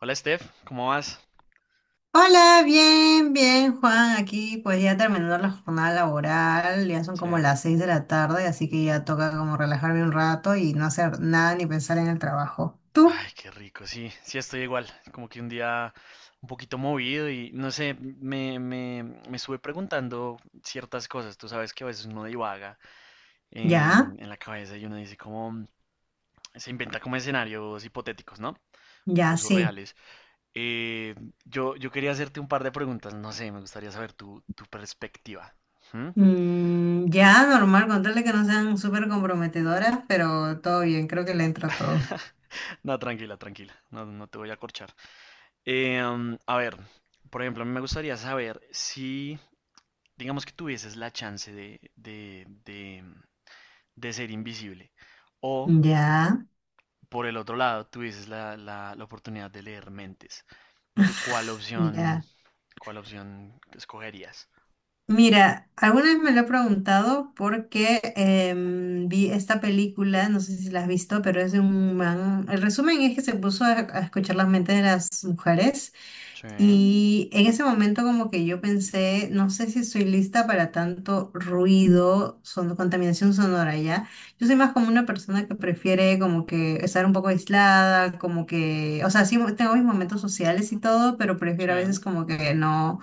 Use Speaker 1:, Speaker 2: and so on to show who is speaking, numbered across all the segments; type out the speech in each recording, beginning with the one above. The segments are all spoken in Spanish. Speaker 1: Hola Steph, ¿cómo vas?
Speaker 2: Hola, bien, bien, Juan. Aquí pues ya terminando la jornada laboral, ya son como
Speaker 1: Sí.
Speaker 2: las seis de la tarde, así que ya toca como relajarme un rato y no hacer nada ni pensar en el trabajo. ¿Tú?
Speaker 1: Ay, qué rico, sí, sí estoy igual, como que un día un poquito movido y no sé, me estuve preguntando ciertas cosas, tú sabes que a veces uno divaga
Speaker 2: Ya,
Speaker 1: en la cabeza y uno dice como, se inventa como escenarios hipotéticos, ¿no?
Speaker 2: ya
Speaker 1: Cosas
Speaker 2: sí.
Speaker 1: reales. Eh, yo quería hacerte un par de preguntas, no sé, me gustaría saber tu perspectiva. ¿Mm?
Speaker 2: Ya, normal, contarle que no sean súper comprometedoras, pero todo bien, creo que le entra todo.
Speaker 1: No, tranquila, tranquila, no, no te voy a corchar. A ver, por ejemplo, a mí me gustaría saber si, digamos que tuvieses la chance de ser invisible o,
Speaker 2: Ya,
Speaker 1: por el otro lado, tuvieses la oportunidad de leer mentes. ¿Tú cuál opción,
Speaker 2: ya.
Speaker 1: cuál opción escogerías?
Speaker 2: Mira, alguna vez me lo he preguntado porque vi esta película, no sé si la has visto, pero es de un man. El resumen es que se puso a escuchar las mentes de las mujeres
Speaker 1: Sí,
Speaker 2: y en ese momento como que yo pensé, no sé si estoy lista para tanto ruido, son, contaminación sonora ya. Yo soy más como una persona que prefiere como que estar un poco aislada, como que, o sea, sí tengo mis momentos sociales y todo, pero prefiero a veces
Speaker 1: sí.
Speaker 2: como que no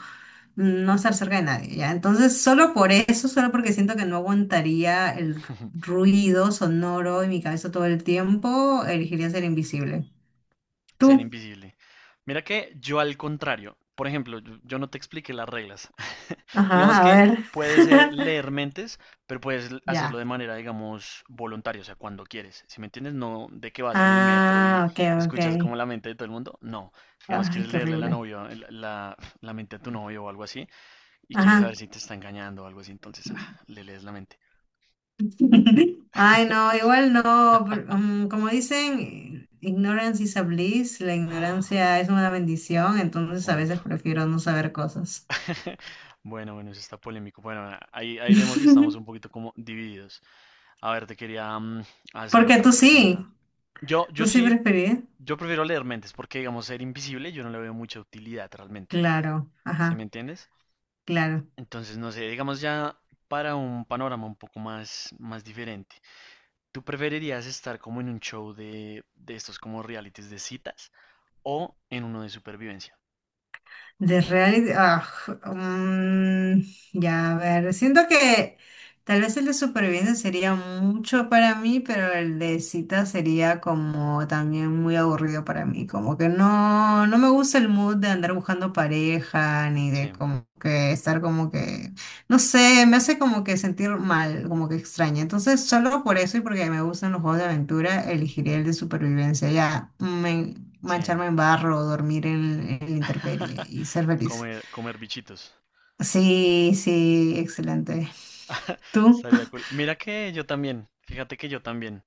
Speaker 2: no estar cerca de nadie, ¿ya? Entonces, solo por eso, solo porque siento que no aguantaría el ruido sonoro en mi cabeza todo el tiempo, elegiría ser invisible.
Speaker 1: Ser
Speaker 2: ¿Tú?
Speaker 1: invisible. Mira que yo al contrario, por ejemplo, yo no te expliqué las reglas. Digamos
Speaker 2: Ajá, a
Speaker 1: que
Speaker 2: ver.
Speaker 1: puedes leer mentes, pero puedes hacerlo
Speaker 2: Ya.
Speaker 1: de manera, digamos, voluntaria, o sea, cuando quieres. Si me entiendes, no de que vas en el metro y
Speaker 2: Ah, ok, ok.
Speaker 1: escuchas como la mente de todo el mundo. No, digamos,
Speaker 2: Ay,
Speaker 1: quieres
Speaker 2: qué
Speaker 1: leerle la
Speaker 2: horrible.
Speaker 1: novia, la mente a tu novio o algo así, y quieres saber
Speaker 2: Ajá.
Speaker 1: si te está engañando o algo así, entonces ah, le lees la mente.
Speaker 2: Ay, no, igual no, pero, como dicen, ignorance is a bliss, la ignorancia es una bendición, entonces a veces prefiero no saber cosas.
Speaker 1: Bueno, bueno, eso está polémico. Bueno, ahí vemos que estamos un poquito como divididos. A ver, te quería hacer
Speaker 2: Porque
Speaker 1: otra
Speaker 2: tú
Speaker 1: pregunta.
Speaker 2: sí.
Speaker 1: Yo,
Speaker 2: ¿Tú
Speaker 1: yo
Speaker 2: sí
Speaker 1: sí,
Speaker 2: preferís?
Speaker 1: yo prefiero leer mentes porque, digamos, ser invisible yo no le veo mucha utilidad realmente.
Speaker 2: Claro,
Speaker 1: ¿Sí me
Speaker 2: ajá,
Speaker 1: entiendes?
Speaker 2: claro.
Speaker 1: Entonces, no sé, digamos ya para un panorama un poco más diferente. ¿Tú preferirías estar como en un show de estos como realities de citas o en uno de supervivencia?
Speaker 2: De reality, mm, ya, a ver, siento que tal vez el de supervivencia sería mucho para mí, pero el de cita sería como también muy aburrido para mí, como que no, no me gusta el mood de andar buscando pareja, ni
Speaker 1: Sí,
Speaker 2: de como que estar como que no sé, me hace como que sentir mal, como que extraña. Entonces, solo por eso y porque me gustan los juegos de aventura, elegiría el de supervivencia. Ya,
Speaker 1: sí.
Speaker 2: mancharme en barro, dormir en la intemperie y ser feliz.
Speaker 1: Comer, comer bichitos.
Speaker 2: Sí, sí, excelente. ¿Tú?
Speaker 1: Estaría cool. Mira que yo también, fíjate que yo también.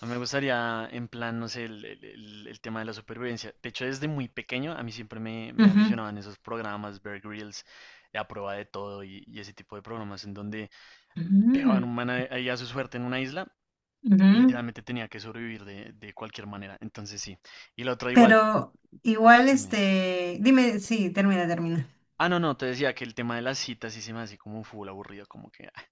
Speaker 1: A mí me gustaría, en plan, no sé, el tema de la supervivencia. De hecho, desde muy pequeño a mí siempre me
Speaker 2: Ujú,
Speaker 1: aficionaban esos programas, Bear Grylls, de A Prueba de Todo y ese tipo de programas en donde dejaban
Speaker 2: ujú,
Speaker 1: un man ahí a su suerte en una isla y
Speaker 2: ujú.
Speaker 1: literalmente tenía que sobrevivir de cualquier manera. Entonces sí. Y la otra igual,
Speaker 2: Pero igual,
Speaker 1: dime.
Speaker 2: este, dime, sí, termina, termina.
Speaker 1: Ah, no, no, te decía que el tema de las citas sí se me hace como full aburrido, como que, ah,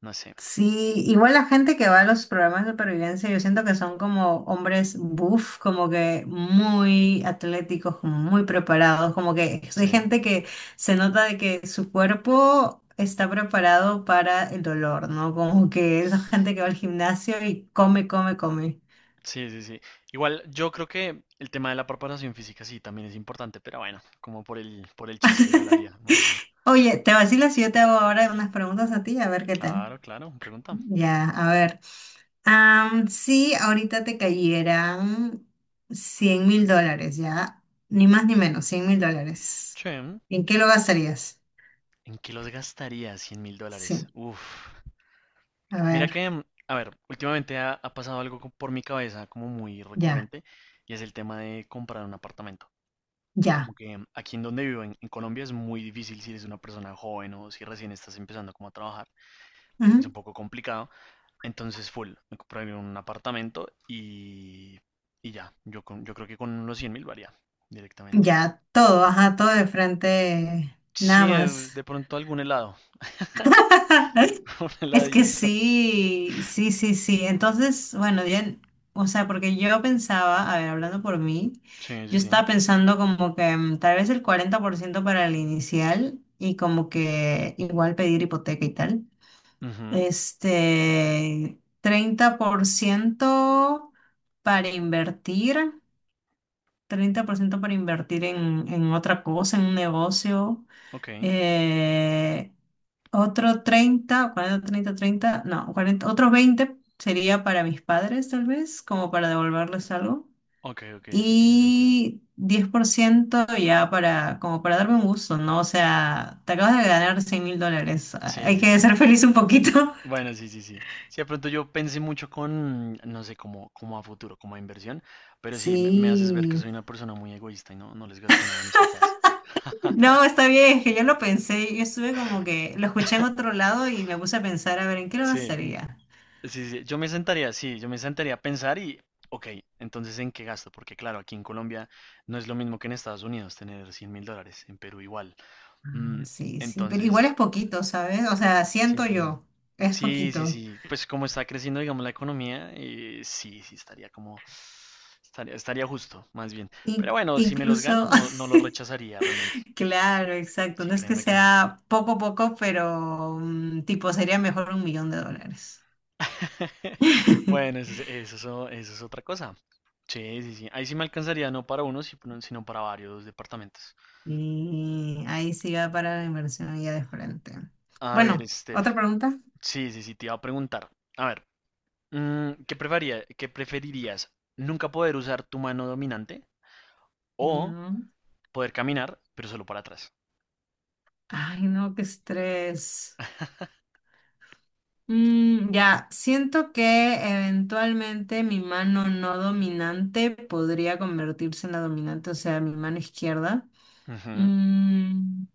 Speaker 1: no sé.
Speaker 2: Sí, igual la gente que va a los programas de supervivencia, yo siento que son como hombres buff, como que muy atléticos, como muy preparados, como que hay
Speaker 1: Sí.
Speaker 2: gente que se nota de que su cuerpo está preparado para el dolor, ¿no? Como que esa gente que va al gimnasio y come, come, come.
Speaker 1: Sí, sí, sí. Igual, yo creo que el tema de la preparación física sí también es importante, pero bueno, como por el chiste yo lo haría, más bien.
Speaker 2: Oye, te vacilas si yo te hago ahora unas preguntas a ti, a ver qué tal.
Speaker 1: Claro, claro, pregunta.
Speaker 2: Ya, a ver. Si ahorita te cayeran 100.000 dólares, ¿ya? Ni más ni menos, 100.000 dólares.
Speaker 1: Che.
Speaker 2: ¿En qué lo gastarías?
Speaker 1: ¿En qué los gastaría 100 mil dólares?
Speaker 2: Sí,
Speaker 1: Uf.
Speaker 2: a
Speaker 1: Mira
Speaker 2: ver,
Speaker 1: que, a ver, últimamente ha, ha pasado algo por mi cabeza como muy
Speaker 2: ya,
Speaker 1: recurrente y es el tema de comprar un apartamento. Como
Speaker 2: ya.
Speaker 1: que aquí en donde vivo, en Colombia, es muy difícil si eres una persona joven o si recién estás empezando como a trabajar. Es un
Speaker 2: Ujú.
Speaker 1: poco complicado. Entonces, full, me compré un apartamento y ya. Yo creo que con unos 100 mil varía directamente.
Speaker 2: Ya, todo, ajá, todo de frente, nada
Speaker 1: Sí, de
Speaker 2: más.
Speaker 1: pronto algún helado. Una
Speaker 2: Es que
Speaker 1: heladita.
Speaker 2: sí, sí, sí, sí. Entonces, bueno, ya, o sea, porque yo pensaba, a ver, hablando por mí,
Speaker 1: Sí, sí,
Speaker 2: yo
Speaker 1: sí.
Speaker 2: estaba pensando como que tal vez el 40% para el inicial y como que igual pedir hipoteca y tal.
Speaker 1: Ujú.
Speaker 2: Este, 30% para invertir, 30% para invertir en otra cosa, en un negocio.
Speaker 1: Ok,
Speaker 2: Eh, otro 30, 40 30 30 no, 40 otros 20 sería para mis padres tal vez, como para devolverles algo.
Speaker 1: ok, ok, sí tiene sentido.
Speaker 2: Y 10% ya para, como para darme un gusto, ¿no? O sea, te acabas de ganar 100 mil dólares,
Speaker 1: Sí,
Speaker 2: hay
Speaker 1: sí,
Speaker 2: que
Speaker 1: sí.
Speaker 2: ser feliz un poquito.
Speaker 1: Bueno, sí, sí, sí. Sí, de pronto yo pensé mucho con, no sé, como, como a futuro, como a inversión, pero sí, me haces ver que soy
Speaker 2: Sí.
Speaker 1: una persona muy egoísta y no, no les gasté nada a mis papás.
Speaker 2: No, está bien, es que yo lo pensé, yo estuve como que lo escuché en otro lado y me puse a pensar, a ver, ¿en qué lo
Speaker 1: Sí,
Speaker 2: gastaría?
Speaker 1: sí, sí. Yo me sentaría, sí, yo me sentaría a pensar y, ok, entonces ¿en qué gasto? Porque claro, aquí en Colombia no es lo mismo que en Estados Unidos tener 100 mil dólares, en Perú igual. Mm,
Speaker 2: Ah, sí, sí, pero
Speaker 1: entonces,
Speaker 2: igual es poquito, ¿sabes? O sea, siento
Speaker 1: sí,
Speaker 2: yo, es
Speaker 1: sí, sí,
Speaker 2: poquito.
Speaker 1: sí. Pues como está creciendo, digamos, la economía, sí, sí, estaría como, estaría, estaría justo, más bien. Pero
Speaker 2: In-
Speaker 1: bueno, si me los gano,
Speaker 2: incluso,
Speaker 1: no, no los rechazaría realmente.
Speaker 2: claro, exacto.
Speaker 1: Sí,
Speaker 2: No es que
Speaker 1: créeme que no.
Speaker 2: sea poco a poco, pero tipo sería mejor 1 millón de dólares.
Speaker 1: Bueno, eso es otra cosa. Sí, sí, sí. Ahí sí me alcanzaría no para uno, no, sino para varios departamentos.
Speaker 2: Y ahí sí va para la inversión ya de frente.
Speaker 1: A ver,
Speaker 2: Bueno,
Speaker 1: Steph.
Speaker 2: otra pregunta.
Speaker 1: Sí, sí, sí, te iba a preguntar. A ver, qué preferirías? ¿Nunca poder usar tu mano dominante o
Speaker 2: Ya.
Speaker 1: poder caminar, pero solo para atrás?
Speaker 2: Ay, no, qué estrés. Ya, siento que eventualmente mi mano no dominante podría convertirse en la dominante, o sea, mi mano izquierda.
Speaker 1: Ujú,
Speaker 2: Mm,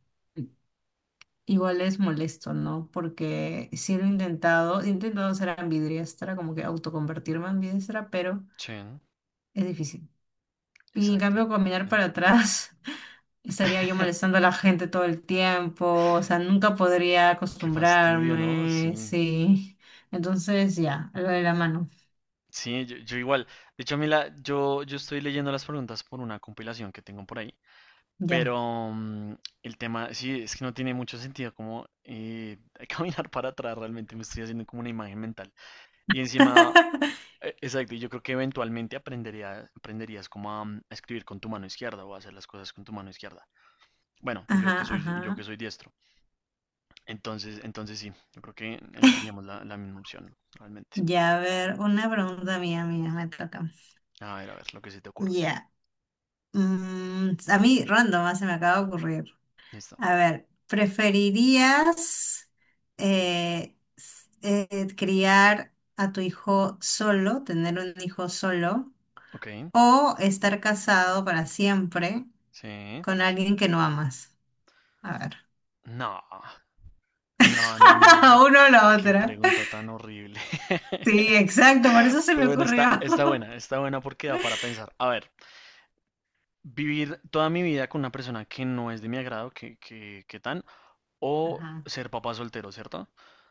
Speaker 2: Igual es molesto, ¿no? Porque sí lo he intentado ser ambidiestra, como que autoconvertirme en ambidiestra, pero
Speaker 1: sí,
Speaker 2: es difícil. Y en
Speaker 1: exacto.
Speaker 2: cambio, caminar
Speaker 1: Sí.
Speaker 2: para atrás, estaría yo molestando a la gente todo el tiempo, o sea, nunca podría
Speaker 1: Qué fastidio, ¿no? Sí.
Speaker 2: acostumbrarme, sí. Entonces, ya, lo de la mano,
Speaker 1: Sí, yo igual. De hecho, yo estoy leyendo las preguntas por una compilación que tengo por ahí.
Speaker 2: ya.
Speaker 1: Pero el tema, sí, es que no tiene mucho sentido como caminar para atrás. Realmente me estoy haciendo como una imagen mental. Y encima, exacto, y yo creo que eventualmente aprenderías como a escribir con tu mano izquierda o a hacer las cosas con tu mano izquierda. Bueno,
Speaker 2: Ajá,
Speaker 1: yo
Speaker 2: ajá.
Speaker 1: que soy diestro. Entonces, entonces sí, yo creo que elegiríamos la misma opción, realmente.
Speaker 2: Ya, a ver, una pregunta mía, mía, me toca.
Speaker 1: A ver, lo que se te ocurra.
Speaker 2: Ya. A mí, random, se me acaba de ocurrir.
Speaker 1: Listo.
Speaker 2: A ver, ¿preferirías criar a tu hijo solo, tener un hijo solo,
Speaker 1: Ok.
Speaker 2: o estar casado para siempre
Speaker 1: Sí.
Speaker 2: con alguien que no amas? A ver,
Speaker 1: No, no, no, no.
Speaker 2: uno o la
Speaker 1: Qué
Speaker 2: otra.
Speaker 1: pregunta tan horrible.
Speaker 2: Sí, exacto, por eso se
Speaker 1: Pero
Speaker 2: me
Speaker 1: bueno,
Speaker 2: ocurrió.
Speaker 1: está buena porque da para pensar. A ver, vivir toda mi vida con una persona que no es de mi agrado, o
Speaker 2: Ajá,
Speaker 1: ser papá soltero, ¿cierto?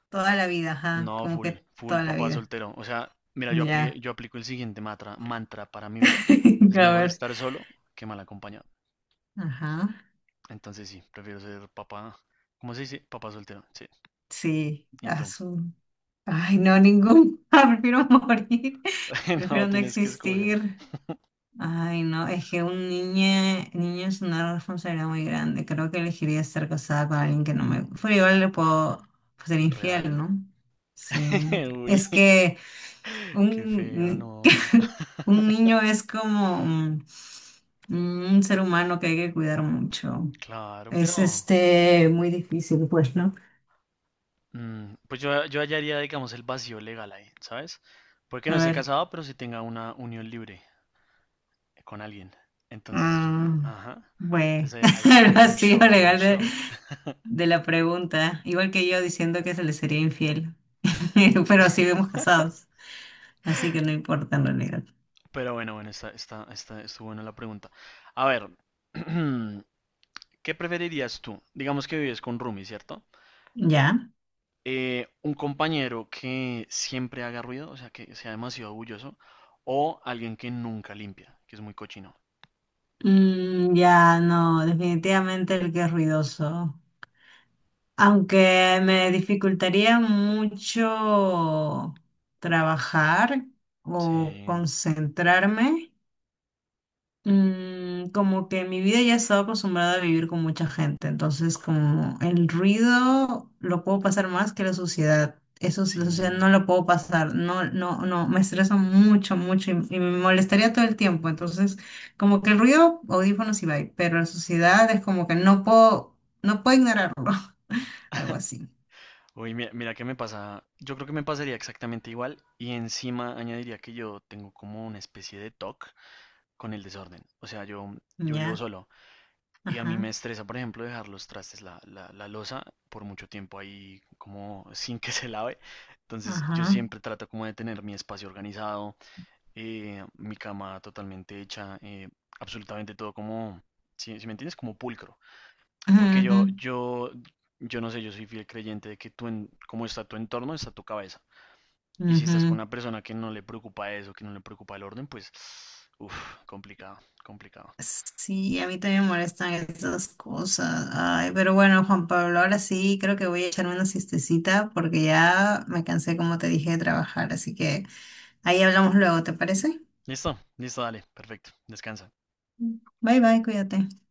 Speaker 2: toda la vida,
Speaker 1: No,
Speaker 2: ajá, como
Speaker 1: full,
Speaker 2: que
Speaker 1: full
Speaker 2: toda la
Speaker 1: papá
Speaker 2: vida.
Speaker 1: soltero. O sea, mira, yo,
Speaker 2: Ya,
Speaker 1: yo aplico el siguiente mantra para mi vida.
Speaker 2: a
Speaker 1: Es mejor
Speaker 2: ver.
Speaker 1: estar solo que mal acompañado.
Speaker 2: Ajá,
Speaker 1: Entonces sí, prefiero ser papá. ¿Cómo se dice? Papá soltero. Sí.
Speaker 2: sí,
Speaker 1: ¿Y tú?
Speaker 2: azul. Ay, no, ningún. Prefiero morir. Prefiero
Speaker 1: No,
Speaker 2: no
Speaker 1: tienes que escoger.
Speaker 2: existir. Ay, no, es que un niño, niño es una responsabilidad muy grande. Creo que elegiría estar casada con alguien que no me... Pero igual le
Speaker 1: Ah,
Speaker 2: puedo pues, ser infiel,
Speaker 1: ¿real?
Speaker 2: ¿no? Sí.
Speaker 1: Uy,
Speaker 2: Es que
Speaker 1: qué feo,
Speaker 2: un,
Speaker 1: no.
Speaker 2: un niño es como un ser humano que hay que cuidar mucho.
Speaker 1: Claro, pero
Speaker 2: Es este muy difícil, pues, ¿no?
Speaker 1: pues yo hallaría, digamos, el vacío legal ahí, ¿sabes? Porque no
Speaker 2: A
Speaker 1: esté
Speaker 2: ver.
Speaker 1: casado, pero sí tenga una unión libre con alguien. Entonces,
Speaker 2: mm,
Speaker 1: ajá.
Speaker 2: bueno,
Speaker 1: Entonces ahí,
Speaker 2: el
Speaker 1: ahí ganó
Speaker 2: vacío
Speaker 1: show, ahí ganó
Speaker 2: legal de,
Speaker 1: show.
Speaker 2: de la pregunta, igual que yo diciendo que se le sería infiel, pero seguimos casados, así que no importa en realidad.
Speaker 1: Pero bueno, bueno, estuvo buena la pregunta. A ver, ¿qué preferirías tú? Digamos que vives con Rumi, ¿cierto?
Speaker 2: ¿Ya?
Speaker 1: Un compañero que siempre haga ruido, o sea, que sea demasiado orgulloso, o alguien que nunca limpia, que es muy cochino.
Speaker 2: Ya, no, definitivamente el que es ruidoso. Aunque me dificultaría mucho trabajar o
Speaker 1: Sí,
Speaker 2: concentrarme. Como que en mi vida ya he estado acostumbrada a vivir con mucha gente, entonces como el ruido lo puedo pasar más que la suciedad. Eso, la suciedad no
Speaker 1: sí.
Speaker 2: lo puedo pasar, no, no, no, me estresa mucho, mucho y me molestaría todo el tiempo. Entonces, como que el ruido, audífonos y bye, pero la suciedad es como que no puedo, no puedo ignorarlo, algo así.
Speaker 1: Uy, mira, mira qué me pasa. Yo creo que me pasaría exactamente igual y encima añadiría que yo tengo como una especie de toque con el desorden. O sea, yo vivo
Speaker 2: Ya,
Speaker 1: solo y a mí me
Speaker 2: ajá,
Speaker 1: estresa, por ejemplo, dejar los trastes, la loza por mucho tiempo ahí como sin que se lave. Entonces yo
Speaker 2: ajá.
Speaker 1: siempre trato como de tener mi espacio organizado, mi cama totalmente hecha, absolutamente todo como, si me entiendes, como pulcro. Porque yo,
Speaker 2: Ujú,
Speaker 1: yo, yo no sé, yo soy fiel creyente de que tú, en, como está tu entorno, está tu cabeza. Y si estás con
Speaker 2: ujú.
Speaker 1: una persona que no le preocupa eso, que no le preocupa el orden, pues, uff, complicado, complicado.
Speaker 2: Sí, a mí también me molestan esas cosas. Ay, pero bueno, Juan Pablo, ahora sí creo que voy a echarme una siestecita porque ya me cansé, como te dije, de trabajar. Así que ahí hablamos luego, ¿te parece?
Speaker 1: Listo, listo, dale, perfecto, descansa.
Speaker 2: Bye bye, cuídate.